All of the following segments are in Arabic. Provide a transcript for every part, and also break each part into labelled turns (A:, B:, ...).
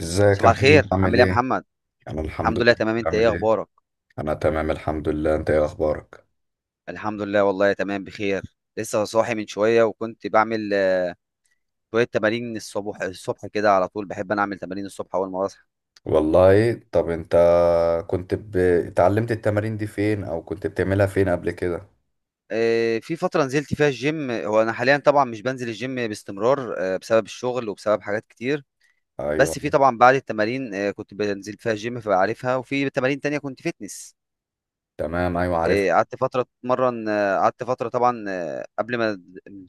A: ازيك يا
B: صباح
A: محمد
B: الخير، عامل
A: عامل
B: ايه يا
A: ايه؟
B: محمد؟
A: انا الحمد
B: الحمد لله
A: لله
B: تمام. انت ايه
A: عامل ايه؟
B: اخبارك؟
A: انا تمام الحمد لله انت ايه اخبارك؟
B: الحمد لله والله تمام بخير. لسه صاحي من شويه وكنت بعمل شويه تمارين الصبح. الصبح كده على طول بحب انا اعمل تمارين الصبح اول ما بصحى.
A: والله طب انت كنت اتعلمت التمارين دي فين او كنت بتعملها فين قبل كده؟
B: في فتره نزلت فيها الجيم. هو انا حاليا طبعا مش بنزل الجيم باستمرار بسبب الشغل وبسبب حاجات كتير.
A: ايوه.
B: بس في طبعا بعد التمارين كنت بنزل فيها الجيم فبعرفها، وفي تمارين تانية كنت فتنس.
A: تمام. ايوه عارفها.
B: قعدت فتره اتمرن. قعدت فتره طبعا قبل ما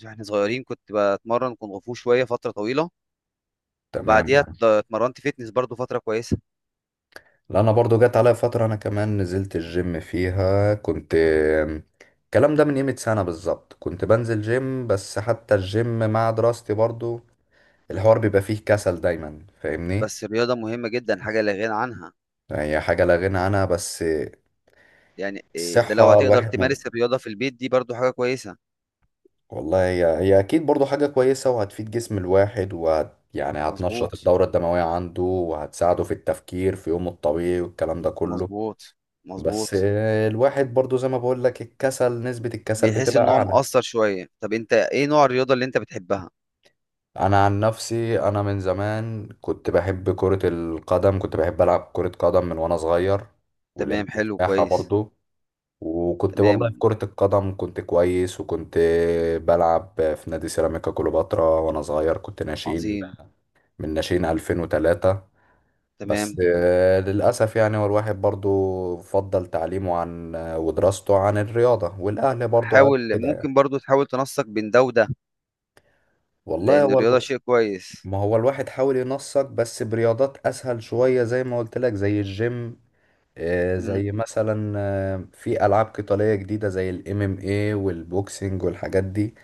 B: احنا صغيرين كنت بتمرن كونغ فو شويه، فتره طويله.
A: تمام.
B: وبعديها اتمرنت فيتنس برضو فترة كويسة.
A: لا انا برضو جت عليا فترة، انا كمان نزلت الجيم فيها، كنت الكلام ده من قيمة سنة بالظبط كنت بنزل جيم، بس حتى الجيم مع دراستي برضو الحوار بيبقى فيه كسل دايما، فاهمني؟
B: بس الرياضة مهمة جدا، حاجة لا غنى عنها.
A: يعني هي حاجة لا غنى عنها، بس
B: يعني ده لو
A: الصحة
B: هتقدر
A: الواحد ما.
B: تمارس الرياضة في البيت دي برضو حاجة كويسة.
A: والله هي أكيد برضو حاجة كويسة وهتفيد جسم الواحد يعني هتنشط
B: مظبوط.
A: الدورة الدموية عنده وهتساعده في التفكير في يومه الطبيعي والكلام ده كله.
B: مظبوط.
A: بس
B: مظبوط.
A: الواحد برضو زي ما بقول لك الكسل، نسبة الكسل
B: بيحس
A: بتبقى
B: ان هو
A: أعلى.
B: مقصر شوية. طب انت ايه نوع الرياضة اللي انت بتحبها؟
A: أنا عن نفسي أنا من زمان كنت بحب كرة القدم، كنت بحب ألعب كرة قدم من وأنا صغير.
B: تمام،
A: ولعبت
B: حلو،
A: سباحة
B: كويس.
A: برضو. وكنت والله في
B: تمام.
A: كرة القدم كنت كويس، وكنت بلعب في نادي سيراميكا كليوباترا وأنا صغير، كنت ناشئين.
B: عظيم.
A: من ناشئين 2003. بس
B: تمام.
A: للأسف يعني هو الواحد برضو فضل تعليمه عن ودراسته عن الرياضة، والأهل برضو قال
B: حاول،
A: كده يعني.
B: ممكن برضو تحاول تنسق بين ده وده،
A: والله
B: لان
A: هو
B: الرياضة شيء كويس.
A: ما هو الواحد حاول ينسق بس برياضات أسهل شوية، زي ما قلت لك زي الجيم.
B: امم
A: زي مثلا في ألعاب قتالية جديدة زي MMA والبوكسنج والحاجات دي.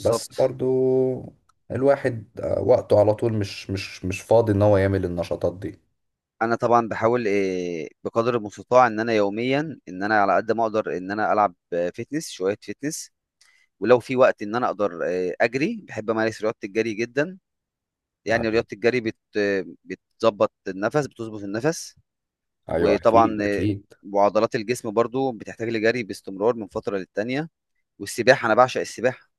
A: بس برضو الواحد وقته على طول مش فاضي ان هو يعمل النشاطات دي.
B: انا طبعا بحاول بقدر المستطاع ان انا يوميا، ان انا على قد ما اقدر ان انا العب فيتنس، شويه فيتنس. ولو في وقت ان انا اقدر اجري، بحب امارس رياضه الجري جدا.
A: يعني
B: يعني رياضه الجري بت آه، بتظبط النفس، بتظبط النفس.
A: ايوه
B: وطبعا
A: اكيد اكيد.
B: وعضلات الجسم برضو بتحتاج لجري باستمرار من فتره للتانيه. والسباحه انا بعشق السباحه،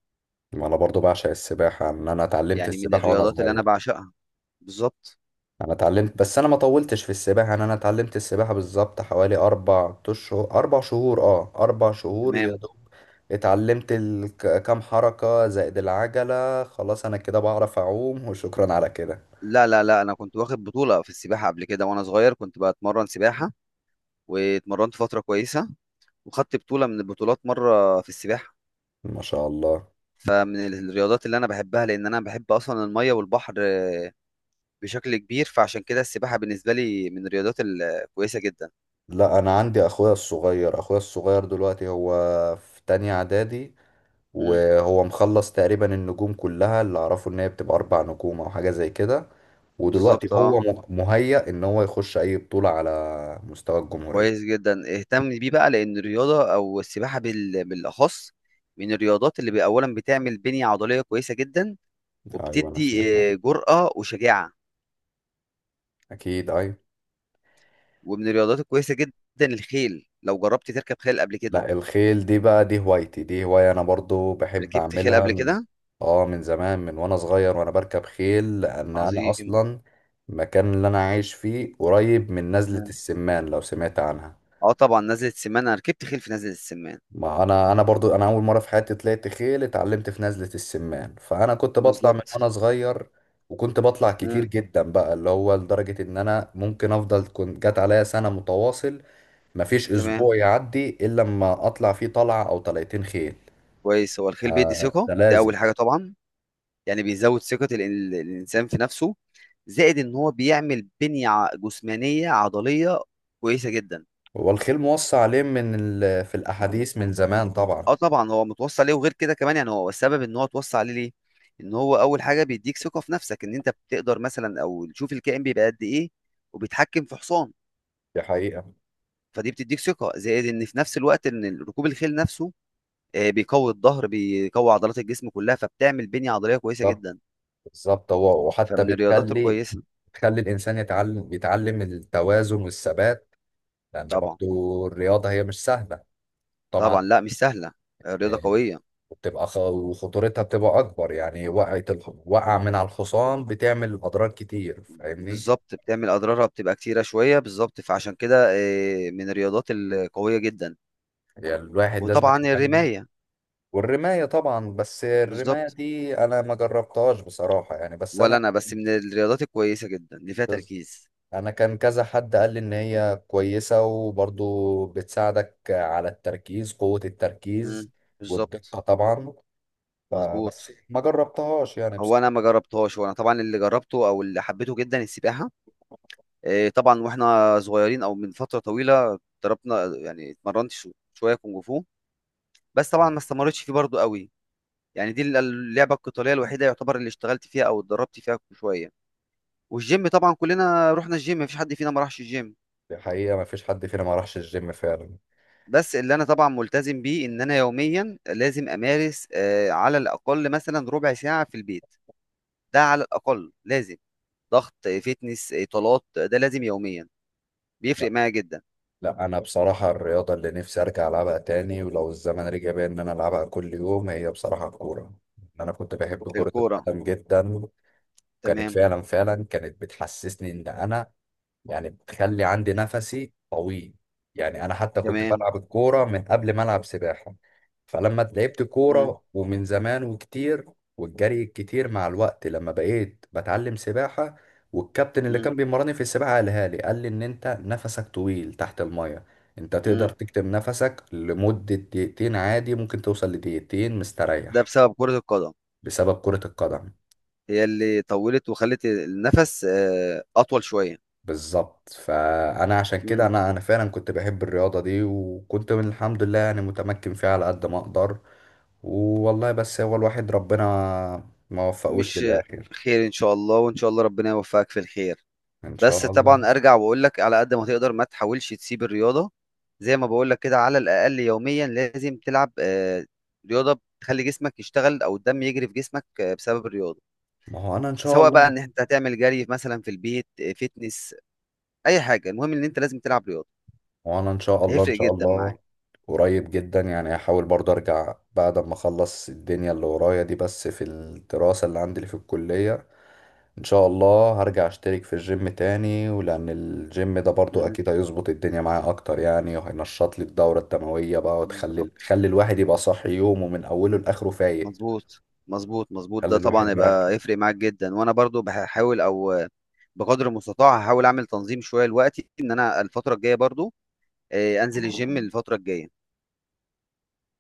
A: ما انا برضو بعشق السباحه، ان انا اتعلمت
B: يعني من
A: السباحه وانا
B: الرياضات اللي انا
A: صغير.
B: بعشقها. بالظبط.
A: انا اتعلمت، بس انا ما طولتش في السباحه. انا اتعلمت السباحه بالظبط حوالي 4 اشهر، 4 شهور، 4 شهور يا
B: تمام.
A: دوب. اتعلمت كام حركه زائد العجله، خلاص انا كده بعرف اعوم وشكرا على كده.
B: لا لا لا، انا كنت واخد بطوله في السباحه قبل كده، وانا صغير كنت بتمرن سباحه، واتمرنت فترة كويسة، وخدت بطولة من البطولات مرة في السباحة.
A: ما شاء الله.
B: فمن الرياضات اللي أنا بحبها، لأن أنا بحب أصلا المية والبحر بشكل كبير، فعشان كده السباحة بالنسبة لي من الرياضات الكويسة جدا.
A: لا انا عندي اخويا الصغير، اخويا الصغير دلوقتي هو في تانية اعدادي،
B: مم.
A: وهو مخلص تقريبا النجوم كلها. اللي اعرفه ان هي بتبقى 4 نجوم او حاجة زي كده. ودلوقتي
B: بالظبط، اه.
A: هو مهيأ ان هو يخش اي بطولة على مستوى الجمهورية.
B: كويس جدا، اهتم بيه بقى، لأن الرياضة أو السباحة بالأخص من الرياضات اللي أولا بتعمل بنية عضلية كويسة جدا
A: ايوه انا
B: وبتدي
A: سمعتها.
B: جرأة وشجاعة،
A: اكيد ايوه.
B: ومن الرياضات الكويسة جدا الخيل. لو جربت تركب خيل قبل كده؟
A: لا الخيل دي بقى، دي هوايتي، دي هواية انا برضو بحب
B: ركبت خيل
A: اعملها
B: قبل
A: من
B: كده؟
A: اه من زمان. من وانا صغير وانا بركب خيل، لان انا
B: عظيم.
A: اصلا المكان اللي انا عايش فيه قريب من نزلة
B: مم.
A: السمان، لو سمعت عنها.
B: اه طبعا نزلة السمان، انا ركبت خيل في نزلة السمان.
A: ما انا برضو انا اول مره في حياتي طلعت خيل اتعلمت في نزله السمان، فانا كنت بطلع من
B: بالظبط.
A: وانا صغير. وكنت بطلع كتير
B: مم.
A: جدا بقى، اللي هو لدرجه ان انا ممكن افضل كنت جت عليا سنه متواصل مفيش
B: تمام.
A: اسبوع يعدي الا لما اطلع فيه طلعه او طلعتين خيل.
B: كويس، هو الخيل بيدي
A: آه
B: ثقة،
A: ده
B: ده
A: لازم.
B: اول حاجة طبعا. يعني بيزود ثقة الانسان في نفسه، زائد ان هو بيعمل بنية جسمانية عضلية كويسة جدا.
A: هو الخيل موصى عليه من في الاحاديث من زمان طبعا.
B: اه طبعا هو متوصى عليه، وغير كده كمان يعني هو السبب ان هو اتوصى عليه ليه، ان هو اول حاجة بيديك ثقة في نفسك ان انت بتقدر مثلا او تشوف الكائن بيبقى قد ايه وبيتحكم في حصان.
A: دي حقيقه.
B: فدي بتديك ثقة، زائد ان في نفس الوقت ان ركوب الخيل نفسه بيقوي الظهر، بيقوي عضلات الجسم كلها، فبتعمل بنية عضلية كويسة
A: بالظبط
B: جدا،
A: بالظبط. هو وحتى
B: فمن الرياضات
A: بتخلي
B: الكويسة.
A: بتخلي الانسان يتعلم التوازن والثبات، لان
B: طبعا.
A: برضو الرياضه هي مش سهله. طبعا.
B: طبعا، لا مش سهلة. رياضة
A: آه،
B: قوية.
A: وبتبقى وخطورتها بتبقى اكبر. يعني وقع من على الحصان بتعمل اضرار كتير، فاهمني؟
B: بالظبط، بتعمل أضرارها بتبقى كتيرة شوية بالظبط، فعشان كده من الرياضات القوية جدا.
A: يعني الواحد لازم
B: وطبعا
A: يتعلم.
B: الرماية.
A: والرمايه طبعا، بس الرمايه
B: بالظبط.
A: دي انا ما جربتهاش بصراحه يعني. بس
B: ولا
A: انا
B: أنا، بس من الرياضات الكويسة جدا اللي فيها
A: بس
B: تركيز.
A: انا كان كذا حد قال لي ان هي كويسه، وبرضو بتساعدك على التركيز، قوه التركيز
B: مم، بالظبط.
A: والدقه طبعا. فبس
B: مظبوط.
A: ما جربتهاش يعني
B: هو أنا ما
A: بصراحه.
B: جربتهاش، وأنا طبعا اللي جربته أو اللي حبيته جدا السباحة. طبعا واحنا صغيرين او من فتره طويله ضربنا، يعني اتمرنت شويه كونغ فو، بس طبعا ما استمرتش فيه برضو قوي. يعني دي اللعبه القتاليه الوحيده يعتبر اللي اشتغلت فيها او اتدربت فيها شويه. والجيم طبعا كلنا رحنا الجيم، مفيش حد فينا ما راحش الجيم.
A: دي حقيقة، ما فيش حد فينا ما راحش الجيم فعلا.
B: بس اللي انا طبعا ملتزم بيه ان انا يوميا لازم امارس على الاقل مثلا ربع ساعه في البيت. ده على الاقل لازم، ضغط فتنس، اطالات، ده لازم يوميا،
A: لا
B: بيفرق معايا جدا.
A: لا، أنا بصراحة الرياضة اللي نفسي أرجع ألعبها تاني ولو الزمن رجع بيا إن أنا ألعبها كل يوم، هي بصراحة الكورة. أنا كنت بحب كرة
B: الكوره.
A: القدم جدا. وكانت
B: تمام.
A: فعلا فعلا كانت بتحسسني إن أنا يعني بتخلي عندي نفسي طويل. يعني انا حتى كنت
B: تمام.
A: بلعب الكوره من قبل ما العب سباحه. فلما لعبت
B: مم.
A: كوره ومن زمان وكتير والجري الكتير مع الوقت لما بقيت بتعلم سباحه، والكابتن اللي
B: مم.
A: كان بيمرني في السباحه قال لي ان انت نفسك طويل تحت الميه، انت تقدر
B: مم.
A: تكتم نفسك لمده دقيقتين عادي، ممكن توصل لدقيقتين
B: ده
A: مستريح.
B: بسبب كرة القدم،
A: بسبب كره القدم.
B: هي اللي طولت وخلت النفس أطول شوية.
A: بالظبط، فانا عشان كده
B: مم.
A: انا فعلا كنت بحب الرياضه دي، وكنت من الحمد لله يعني متمكن فيها على قد ما اقدر. والله بس هو الواحد ربنا ما وفقوش
B: مش،
A: للاخر.
B: خير إن شاء الله، وإن شاء الله ربنا يوفقك في الخير.
A: ان
B: بس
A: شاء الله.
B: طبعا أرجع وأقول لك، على قد ما تقدر ما تحاولش تسيب الرياضة. زي ما بقول لك كده، على الأقل يوميا لازم تلعب رياضة بتخلي جسمك يشتغل، أو الدم يجري في جسمك بسبب الرياضة.
A: ما هو انا ان شاء
B: سواء بقى
A: الله.
B: إن أنت هتعمل جري مثلا في البيت، فيتنس، أي حاجة، المهم إن أنت لازم تلعب رياضة،
A: ما هو انا ان شاء الله ان
B: هيفرق
A: شاء
B: جدا
A: الله.
B: معاك.
A: قريب جدا يعني هحاول برضه ارجع بعد ما اخلص الدنيا اللي ورايا دي، بس في الدراسه اللي عندي اللي في الكليه. ان شاء الله هرجع اشترك في الجيم تاني، ولان الجيم ده برضو
B: مم.
A: اكيد هيظبط الدنيا معايا اكتر يعني، وهينشط لي الدورة الدموية بقى
B: بالظبط.
A: خلي الواحد يبقى صاحي يومه من اوله لاخره فايق،
B: مظبوط. مظبوط، مظبوط، ده
A: خلي
B: طبعا
A: الواحد
B: يبقى
A: مركز.
B: يفرق معاك جدا. وانا برضو بحاول، او بقدر المستطاع هحاول اعمل تنظيم شويه لوقتي، ان انا الفتره الجايه برضو انزل الجيم الفتره الجايه.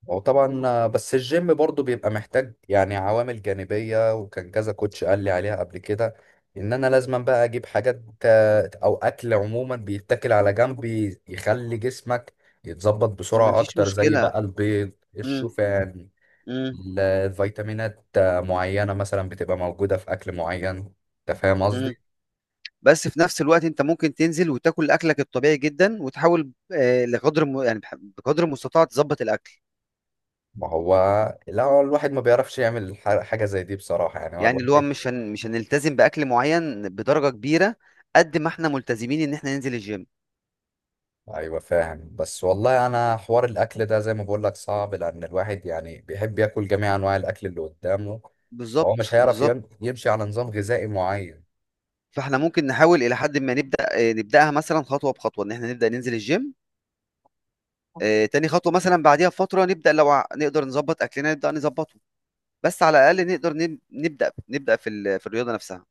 A: وطبعا بس الجيم برضو بيبقى محتاج يعني عوامل جانبية، وكان كذا كوتش قال لي عليها قبل كده ان انا لازم بقى اجيب حاجات او اكل عموما بيتاكل على جنب يخلي جسمك يتظبط بسرعة
B: مفيش
A: اكتر، زي
B: مشكله.
A: بقى البيض،
B: مم.
A: الشوفان،
B: مم.
A: الفيتامينات معينة مثلا بتبقى موجودة في أكل معين. أنت فاهم
B: مم.
A: قصدي؟
B: بس في نفس الوقت انت ممكن تنزل وتاكل اكلك الطبيعي جدا، وتحاول لقدر يعني بقدر المستطاع تظبط الاكل.
A: ما هو لا، هو الواحد ما بيعرفش يعمل حاجة زي دي بصراحة، يعني هو
B: يعني اللي هو
A: الواحد.
B: مش مش هنلتزم باكل معين بدرجه كبيره قد ما احنا ملتزمين ان احنا ننزل الجيم.
A: أيوة فاهم، بس والله أنا حوار الأكل ده زي ما بقول لك صعب، لأن الواحد يعني بيحب ياكل جميع أنواع الأكل اللي قدامه. فهو
B: بالظبط.
A: مش هيعرف
B: بالظبط.
A: يمشي على نظام غذائي معين.
B: فاحنا ممكن نحاول الى حد ما نبدا، نبداها مثلا خطوه بخطوه، ان احنا نبدا ننزل الجيم تاني. خطوه مثلا بعديها بفتره نبدا، لو نقدر نظبط اكلنا نبدا نظبطه. بس على الاقل نقدر نبدا، نبدا في في الرياضه نفسها.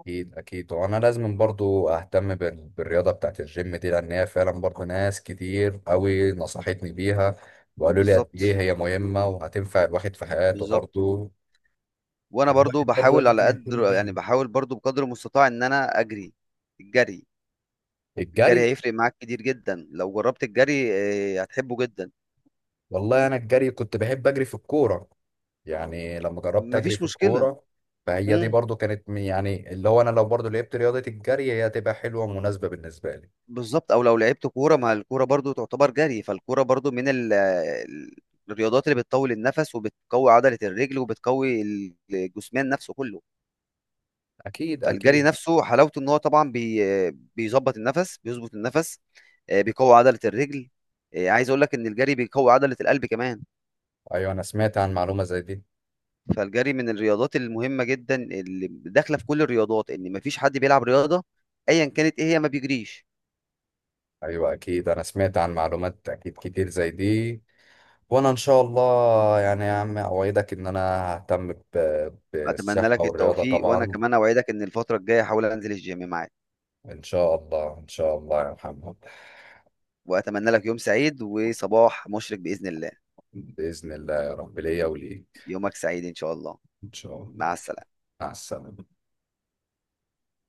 A: اكيد اكيد، وانا لازم برضو اهتم بالرياضه بتاعت الجيم دي، لان هي فعلا برضو ناس كتير قوي نصحتني بيها، وقالوا لي قد
B: بالظبط.
A: ايه هي مهمه وهتنفع الواحد في حياته
B: بالظبط.
A: برضو.
B: وانا برضو
A: فالواحد برضو
B: بحاول على
A: لازم يهتم
B: قدر، يعني
A: بيها.
B: بحاول برضو بقدر المستطاع ان انا اجري. الجري، الجري
A: الجري.
B: هيفرق معاك كتير جدا لو جربت الجري، هتحبه جدا.
A: والله انا الجري كنت بحب اجري في الكوره. يعني لما جربت اجري
B: مفيش
A: في
B: مشكله.
A: الكوره، فهي دي
B: مم.
A: برضو كانت يعني اللي هو انا لو برضو لعبت رياضه الجري هي هتبقى حلوه ومناسبه بالنسبه لي.
B: بالظبط. او لو لعبت كوره، ما الكوره برضو تعتبر جري، فالكوره برضو من الرياضات اللي بتطول النفس وبتقوي عضله الرجل وبتقوي الجسمان نفسه كله.
A: اكيد
B: فالجري
A: اكيد.
B: نفسه حلاوته ان هو طبعا بيظبط النفس، بيظبط النفس، بيقوي عضله الرجل، عايز اقول لك ان الجري بيقوي عضله القلب كمان.
A: ايوه انا سمعت عن معلومه زي دي.
B: فالجري من الرياضات المهمه جدا اللي داخله في كل الرياضات، ان ما فيش حد بيلعب رياضه ايا كانت ايه هي ما بيجريش.
A: ايوه اكيد انا سمعت عن معلومات اكيد كتير زي دي. وانا ان شاء الله يعني يا عم اوعدك ان انا ههتم
B: اتمنى
A: بالصحه
B: لك
A: والرياضه
B: التوفيق، وانا
A: طبعا.
B: كمان اوعدك ان الفتره الجايه احاول انزل الجيم معاك.
A: ان شاء الله ان شاء الله يا محمد.
B: وأتمنى لك يوم سعيد وصباح مشرق بإذن الله.
A: باذن الله يا رب ليا وليك.
B: يومك سعيد إن شاء الله.
A: ان شاء
B: مع
A: الله.
B: السلامة.
A: مع السلامه.